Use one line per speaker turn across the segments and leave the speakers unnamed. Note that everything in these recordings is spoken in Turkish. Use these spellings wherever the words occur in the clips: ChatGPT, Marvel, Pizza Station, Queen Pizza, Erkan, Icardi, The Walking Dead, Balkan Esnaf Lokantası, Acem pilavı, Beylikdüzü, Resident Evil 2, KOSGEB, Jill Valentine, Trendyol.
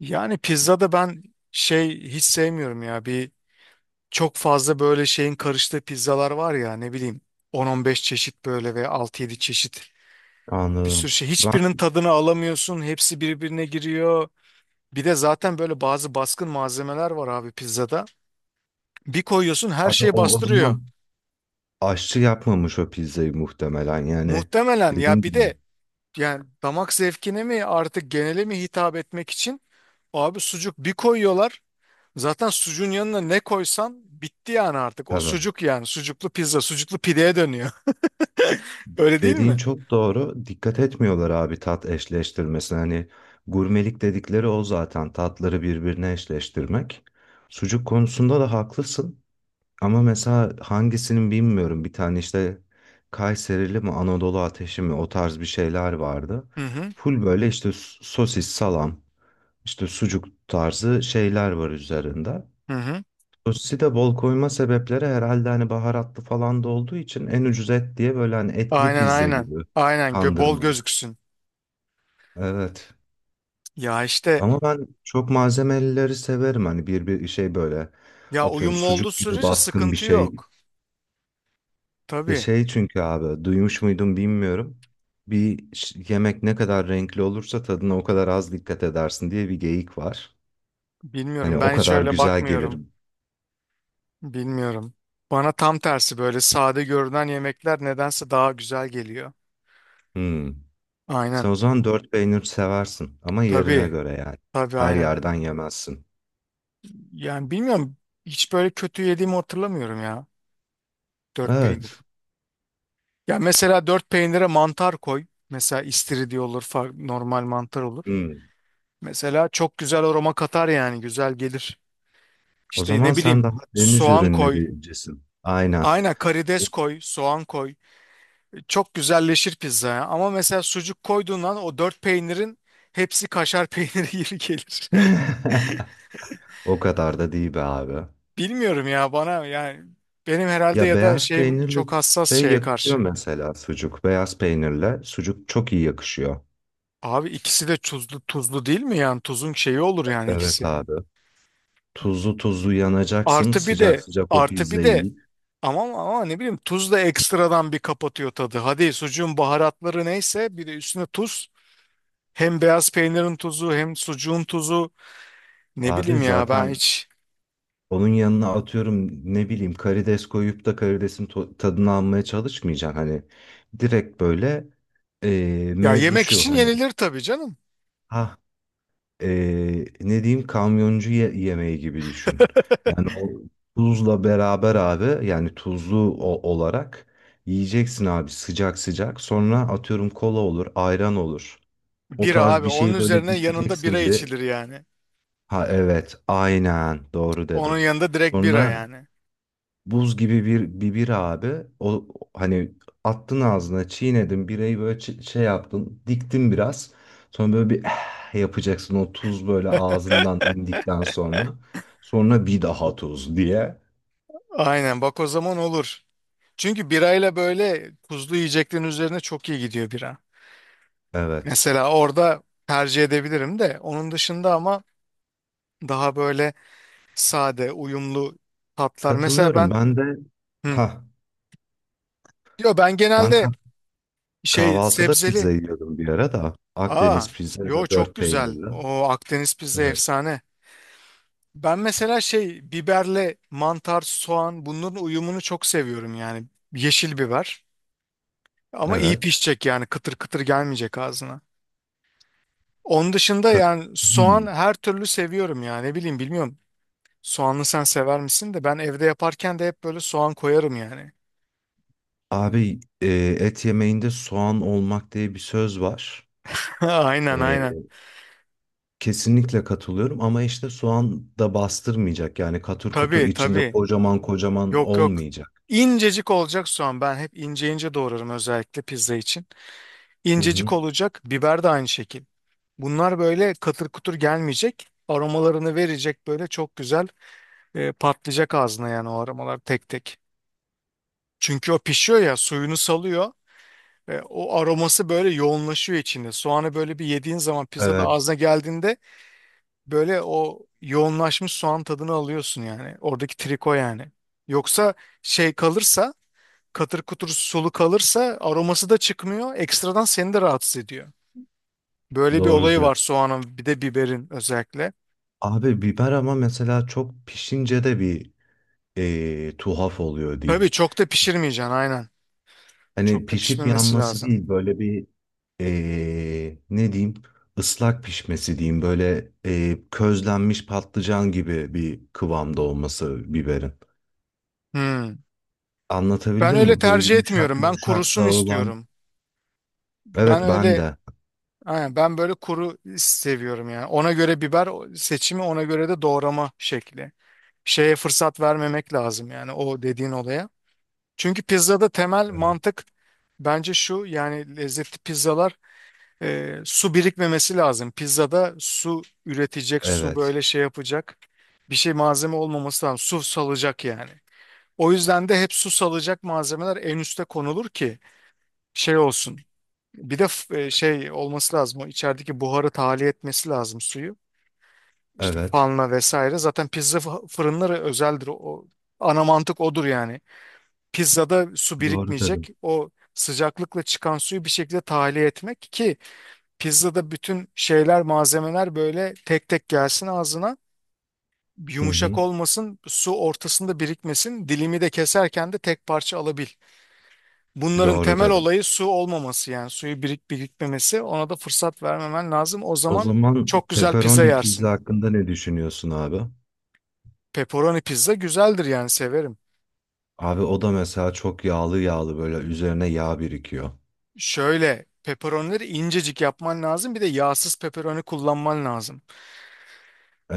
Yani pizzada ben şey hiç sevmiyorum ya. Çok fazla böyle şeyin karıştığı pizzalar var ya ne bileyim 10-15 çeşit böyle ve altı yedi çeşit bir sürü
Anladım.
şey.
Ben
Hiçbirinin tadını alamıyorsun. Hepsi birbirine giriyor. Bir de zaten böyle bazı baskın malzemeler var abi pizzada. Bir koyuyorsun her
abi
şeyi
o, o
bastırıyor.
zaman aşçı yapmamış o pizzayı muhtemelen yani
Muhtemelen
dediğin
ya bir
gibi.
de yani damak zevkine mi artık genele mi hitap etmek için abi sucuk bir koyuyorlar. Zaten sucuğun yanına ne koysan bitti yani artık. O
Tabii.
sucuk yani. Sucuklu pizza, sucuklu pideye dönüyor. Öyle değil
Dediğin
mi?
çok doğru. Dikkat etmiyorlar abi tat eşleştirmesine. Hani gurmelik dedikleri o zaten tatları birbirine eşleştirmek. Sucuk konusunda da haklısın. Ama mesela hangisinin bilmiyorum. Bir tane işte Kayserili mi Anadolu ateşi mi o tarz bir şeyler vardı.
Hı hı.
Full böyle işte sosis, salam. İşte sucuk tarzı şeyler var üzerinde.
Hı hı.
Sosisi de bol koyma sebepleri herhalde hani baharatlı falan da olduğu için en ucuz et diye böyle hani etli
Aynen
pizza gibi
aynen. Aynen bol
kandırmalık.
gözüksün.
Evet.
Ya işte
Ama ben çok malzemelileri severim. Hani bir şey böyle
ya
atıyorum
uyumlu olduğu
sucuk gibi
sürece
baskın bir
sıkıntı
şey.
yok.
Ya
Tabii
şey çünkü abi duymuş muydum bilmiyorum. Yemek ne kadar renkli olursa tadına o kadar az dikkat edersin diye bir geyik var. Hani
bilmiyorum.
o
Ben hiç
kadar
öyle
güzel gelir.
bakmıyorum. Bilmiyorum. Bana tam tersi böyle sade görünen yemekler nedense daha güzel geliyor.
Hmm. Sen
Aynen.
o zaman dört peynir seversin ama yerine
Tabii.
göre yani.
Tabii
Her
aynen.
yerden yemezsin.
Yani bilmiyorum. Hiç böyle kötü yediğimi hatırlamıyorum ya. Dört peynir.
Evet.
Ya mesela dört peynire mantar koy. Mesela istiridye olur, normal mantar olur.
Hmm.
Mesela çok güzel aroma katar yani güzel gelir.
O
İşte
zaman
ne
sen
bileyim
daha deniz
soğan koy.
ürünlerincisin. Aynen.
Aynen karides koy, soğan koy. Çok güzelleşir pizza ya. Ama mesela sucuk koyduğun an o dört peynirin hepsi kaşar peyniri gibi gelir.
O kadar da değil be abi.
Bilmiyorum ya bana yani benim herhalde
Ya
ya da
beyaz
şeyim
peynirli
çok hassas
şey
şeye
yakışıyor
karşı.
mesela sucuk. Beyaz peynirle sucuk çok iyi yakışıyor.
Abi ikisi de tuzlu tuzlu değil mi yani tuzun şeyi olur yani
Evet
ikisi.
abi. Tuzlu tuzlu yanacaksın.
Artı bir
Sıcak
de
sıcak o pizzayı yiyip.
Ama, ama ne bileyim tuz da ekstradan bir kapatıyor tadı. Hadi sucuğun baharatları neyse bir de üstüne tuz. Hem beyaz peynirin tuzu hem sucuğun tuzu. Ne
Abi
bileyim ya ben
zaten
hiç.
onun yanına atıyorum ne bileyim karides koyup da karidesin tadını almaya çalışmayacaksın. Hani direkt böyle
Ya
mevzu
yemek
şu
için
hani
yenilir tabii canım.
ha ne diyeyim kamyoncu yemeği gibi düşün. Yani o tuzla beraber abi yani tuzlu olarak yiyeceksin abi sıcak sıcak. Sonra atıyorum kola olur, ayran olur. O
Bira
tarz
abi
bir
onun
şey böyle
üzerine yanında bira
dikeceksin bir.
içilir yani.
Ha evet aynen doğru
Onun
dedin.
yanında direkt bira
Sonra
yani.
buz gibi bir abi. O hani attın ağzına, çiğnedin birayı böyle şey yaptın, diktin biraz. Sonra böyle bir "Eh" yapacaksın o tuz böyle ağzından indikten sonra. Sonra bir daha tuz diye.
Aynen bak o zaman olur. Çünkü birayla böyle tuzlu yiyeceklerin üzerine çok iyi gidiyor bira.
Evet.
Mesela orada tercih edebilirim de onun dışında ama daha böyle sade, uyumlu tatlar. Mesela
Katılıyorum.
ben
Ben de
hı.
ha
Yo ben
ben
genelde
kah-
şey
kahvaltıda
sebzeli.
pizza yiyordum bir ara da.
Aa,
Akdeniz pizza ya
yo
da
çok
dört
güzel.
peynirli.
O Akdeniz pizza
Evet.
efsane. Ben mesela şey biberle mantar, soğan bunların uyumunu çok seviyorum yani. Yeşil biber. Ama iyi
Evet.
pişecek yani kıtır kıtır gelmeyecek ağzına. Onun dışında
Kat-
yani soğan
Hmm.
her türlü seviyorum yani ne bileyim bilmiyorum. Soğanlı sen sever misin de ben evde yaparken de hep böyle soğan koyarım yani.
Abi et yemeğinde soğan olmak diye bir söz var.
Aynen aynen.
E, Kesinlikle katılıyorum ama işte soğan da bastırmayacak. Yani katır kutur
Tabii
içinde
tabii.
kocaman kocaman
Yok yok.
olmayacak.
İncecik olacak soğan. Ben hep ince ince doğrarım özellikle pizza için.
Hı hı.
İncecik olacak. Biber de aynı şekil. Bunlar böyle katır kutur gelmeyecek. Aromalarını verecek böyle çok güzel patlayacak ağzına yani o aromalar tek tek. Çünkü o pişiyor ya suyunu salıyor. O aroması böyle yoğunlaşıyor içinde. Soğanı böyle bir yediğin zaman pizzada
Evet,
ağzına geldiğinde böyle o yoğunlaşmış soğan tadını alıyorsun yani. Oradaki triko yani. Yoksa şey kalırsa katır kutur sulu kalırsa aroması da çıkmıyor. Ekstradan seni de rahatsız ediyor. Böyle bir
doğru
olayı
diyor.
var soğanın bir de biberin özellikle.
Abi biber ama mesela çok pişince de bir tuhaf oluyor
Tabii
diyeyim.
çok da pişirmeyeceksin aynen.
Hani
Çok da
pişip
pişmemesi
yanması
lazım.
değil böyle bir ne diyeyim ıslak pişmesi diyeyim. Böyle közlenmiş patlıcan gibi bir kıvamda olması biberin.
Hmm. Ben
Anlatabildim
öyle
mi? Böyle
tercih
yumuşak
etmiyorum. Ben
yumuşak
kurusun
dağılan.
istiyorum.
Evet
Ben
ben
öyle
de.
aynen, ben böyle kuru seviyorum yani. Ona göre biber seçimi ona göre de doğrama şekli. Şeye fırsat vermemek lazım yani o dediğin olaya. Çünkü pizzada temel
Evet.
mantık bence şu yani lezzetli pizzalar. Su birikmemesi lazım. Pizzada su üretecek, su
Evet.
böyle şey yapacak bir şey malzeme olmaması lazım. Su salacak yani. O yüzden de hep su salacak malzemeler en üste konulur ki şey olsun. Bir de şey olması lazım. O içerideki buharı tahliye etmesi lazım suyu. İşte
Evet.
fanla vesaire. Zaten pizza fırınları özeldir. O ana mantık odur yani. Pizzada su
Doğru dedim.
birikmeyecek. O sıcaklıkla çıkan suyu bir şekilde tahliye etmek ki pizzada bütün şeyler, malzemeler böyle tek tek gelsin ağzına.
Hı
Yumuşak
hı.
olmasın, su ortasında birikmesin. Dilimi de keserken de tek parça alabil. Bunların
Doğru
temel
dedim.
olayı su olmaması yani suyu birikmemesi. Ona da fırsat vermemen lazım. O
O
zaman
zaman
çok güzel pizza
pepperoni pizza
yersin.
hakkında ne düşünüyorsun abi?
Pepperoni pizza güzeldir yani severim.
Abi o da mesela çok yağlı yağlı böyle üzerine yağ birikiyor.
Şöyle pepperonileri incecik yapman lazım. Bir de yağsız pepperoni kullanman lazım.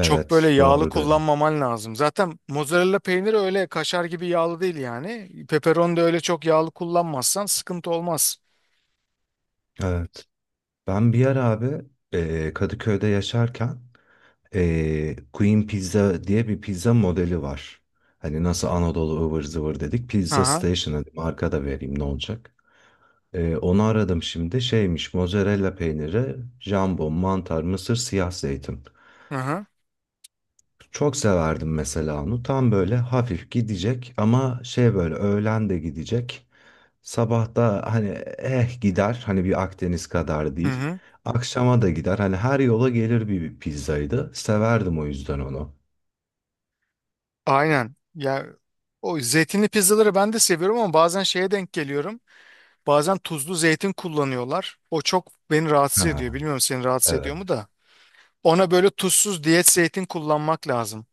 Çok böyle yağlı
doğru dedim.
kullanmaman lazım. Zaten mozzarella peyniri öyle kaşar gibi yağlı değil yani. Pepperoni de öyle çok yağlı kullanmazsan sıkıntı olmaz.
Evet. Ben bir yer abi Kadıköy'de yaşarken Queen Pizza diye bir pizza modeli var. Hani nasıl Anadolu ıvır zıvır dedik. Pizza
Aha,
Station hadi marka da vereyim ne olacak. Onu aradım şimdi. Şeymiş mozzarella peyniri, jambon, mantar, mısır, siyah zeytin.
aha,
Çok severdim mesela onu. Tam böyle hafif gidecek ama şey böyle öğlen de gidecek. Sabah da hani eh gider. Hani bir Akdeniz kadar
hı
değil.
hı.
Akşama da gider. Hani her yola gelir bir pizzaydı. Severdim o yüzden onu.
Aynen. Ya o zeytinli pizzaları ben de seviyorum ama bazen şeye denk geliyorum. Bazen tuzlu zeytin kullanıyorlar. O çok beni rahatsız
Ha,
ediyor. Bilmiyorum seni rahatsız
evet.
ediyor mu da. Ona böyle tuzsuz diyet zeytin kullanmak lazım.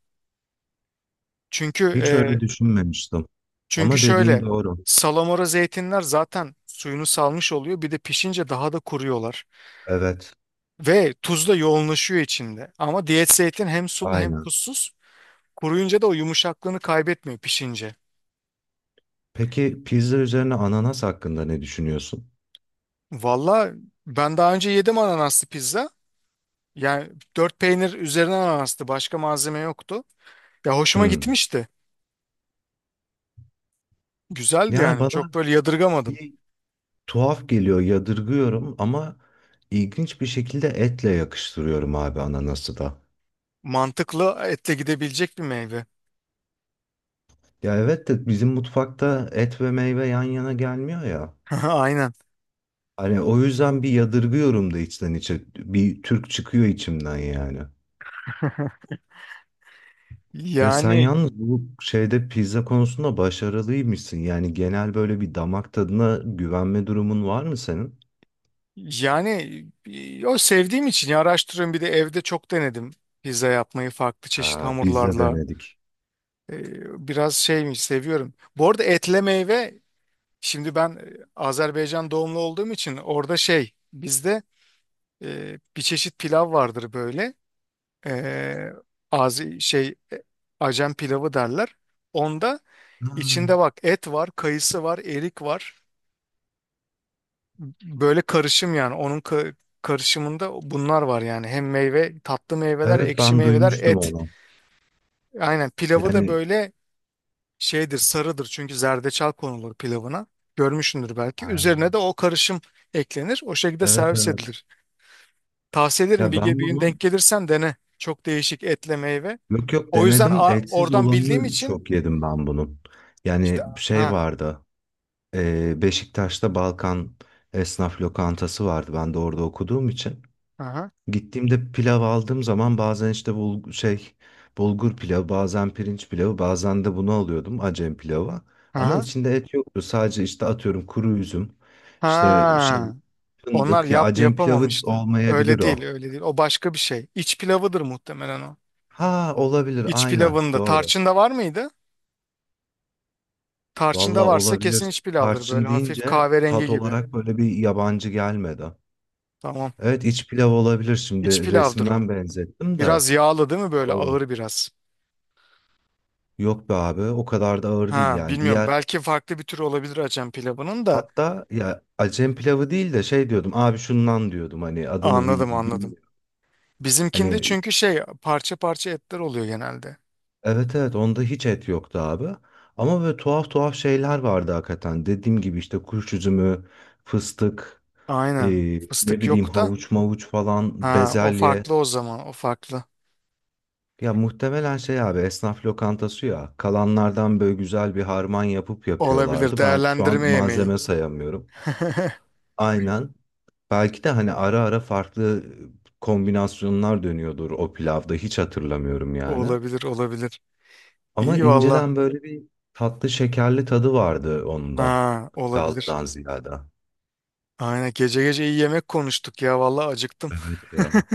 Çünkü
Hiç öyle düşünmemiştim. Ama dediğin
Şöyle
doğru.
salamura zeytinler zaten suyunu salmış oluyor. Bir de pişince daha da kuruyorlar.
Evet,
Ve tuz da yoğunlaşıyor içinde. Ama diyet zeytin hem sulu hem
aynen.
tuzsuz. Kuruyunca da o yumuşaklığını kaybetmiyor pişince.
Peki pizza üzerine ananas hakkında ne düşünüyorsun?
Valla ben daha önce yedim ananaslı pizza. Yani dört peynir üzerine ananastı. Başka malzeme yoktu. Ya hoşuma
Hmm.
gitmişti. Güzeldi
Yani
yani. Çok
bana
böyle yadırgamadım.
bir tuhaf geliyor, yadırgıyorum ama ilginç bir şekilde etle yakıştırıyorum abi ananası da.
Mantıklı etle gidebilecek bir meyve.
Ya evet de bizim mutfakta et ve meyve yan yana gelmiyor ya.
Aynen.
Hani o yüzden bir yadırgıyorum da içten içe. Bir Türk çıkıyor içimden yani. Ya sen
Yani
yalnız bu şeyde pizza konusunda başarılıymışsın. Yani genel böyle bir damak tadına güvenme durumun var mı senin?
yani o sevdiğim için ya araştırıyorum bir de evde çok denedim pizza yapmayı farklı çeşit
Ha, biz de
hamurlarla.
denedik.
Biraz şeymiş seviyorum. Bu arada etle meyve şimdi ben Azerbaycan doğumlu olduğum için orada şey bizde bir çeşit pilav vardır böyle e, az şey Acem pilavı derler. Onda
Ha,
içinde bak et var, kayısı var, erik var. Böyle karışım yani onun karışımında bunlar var yani hem meyve tatlı meyveler
evet
ekşi
ben
meyveler
duymuştum
et
onu.
aynen pilavı da
Yani
böyle şeydir sarıdır çünkü zerdeçal konulur pilavına görmüşsündür belki
ha,
üzerine de o karışım eklenir o şekilde
evet
servis
evet.
edilir tavsiye ederim
Ya ben
bir gün denk
bunun
gelirsen dene çok değişik etle meyve
yok yok
o yüzden
denedim.
a-
Etsiz
oradan bildiğim
olanını
için
çok yedim ben bunun.
işte
Yani şey
ha
vardı. Beşiktaş'ta Balkan Esnaf Lokantası vardı. Ben de orada okuduğum için.
ha
Gittiğimde pilav aldığım zaman bazen işte bulgur pilavı, bazen pirinç pilavı, bazen de bunu alıyordum Acem pilavı. Ama
ha
içinde et yoktu. Sadece işte atıyorum kuru üzüm, işte şey
ha. Onlar
fındık ya
yap
Acem pilavı
yapamamıştı. Öyle
olmayabilir
değil,
o.
öyle değil. O başka bir şey. İç pilavıdır muhtemelen o.
Ha olabilir
İç
aynen
pilavında.
doğru.
Tarçında var mıydı? Tarçında
Valla
varsa kesin
olabilir.
iç pilavdır. Böyle
Tarçın
hafif
deyince
kahverengi
tat
gibi.
olarak böyle bir yabancı gelmedi.
Tamam.
Evet iç pilav olabilir
İç
şimdi
pilavdır o.
resimden benzettim de.
Biraz yağlı değil mi? Böyle
Doğru.
ağır biraz.
Yok be abi o kadar da ağır değil
Ha,
yani.
bilmiyorum.
Diğer
Belki farklı bir tür olabilir Acem pilavının da.
hatta ya Acem pilavı değil de şey diyordum abi şundan diyordum hani adını
Anladım, anladım.
bilmiyorum.
Bizimkinde
Hani
çünkü şey parça parça etler oluyor genelde.
evet evet onda hiç et yoktu abi. Ama böyle tuhaf tuhaf şeyler vardı hakikaten. Dediğim gibi işte kuş üzümü, fıstık, e,
Aynen.
ne
Fıstık
bileyim
yok da.
havuç mavuç falan,
Ha, o
bezelye.
farklı o zaman. O farklı.
Ya muhtemelen şey abi esnaf lokantası ya. Kalanlardan böyle güzel bir harman yapıp
Olabilir.
yapıyorlardı. Ben şu an
Değerlendirme yemeği.
malzeme sayamıyorum. Aynen. Belki de hani ara ara farklı kombinasyonlar dönüyordur o pilavda hiç hatırlamıyorum yani.
Olabilir olabilir.
Ama
İyi valla.
inceden böyle bir tatlı şekerli tadı vardı onun da.
Ha olabilir.
Yağlıdan ziyade.
Aynen gece gece iyi yemek konuştuk ya valla acıktım.
Evet ya.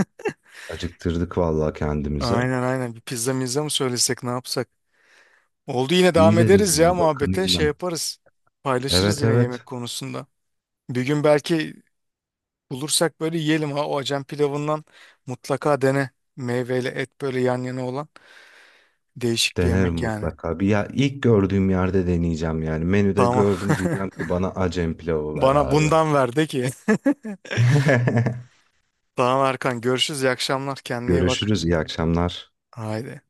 Acıktırdık vallahi kendimize.
Aynen aynen, bir pizza mizza mı söylesek ne yapsak? Oldu yine
İyi
devam ederiz
dedin
ya
ya
muhabbete
bakınayım
şey
ben.
yaparız. Paylaşırız
Evet
yine yemek
evet
konusunda. Bir gün belki bulursak böyle yiyelim ha o Acem pilavından mutlaka dene. Meyveyle et böyle yan yana olan değişik bir
denerim
yemek yani.
mutlaka. Bir ya ilk gördüğüm yerde deneyeceğim yani. Menüde
Tamam.
gördüm diyeceğim ki bana Acem pilavı ver
Bana
abi.
bundan ver de ki. Tamam Erkan, görüşürüz, iyi akşamlar, kendine iyi bak.
Görüşürüz iyi akşamlar.
Haydi.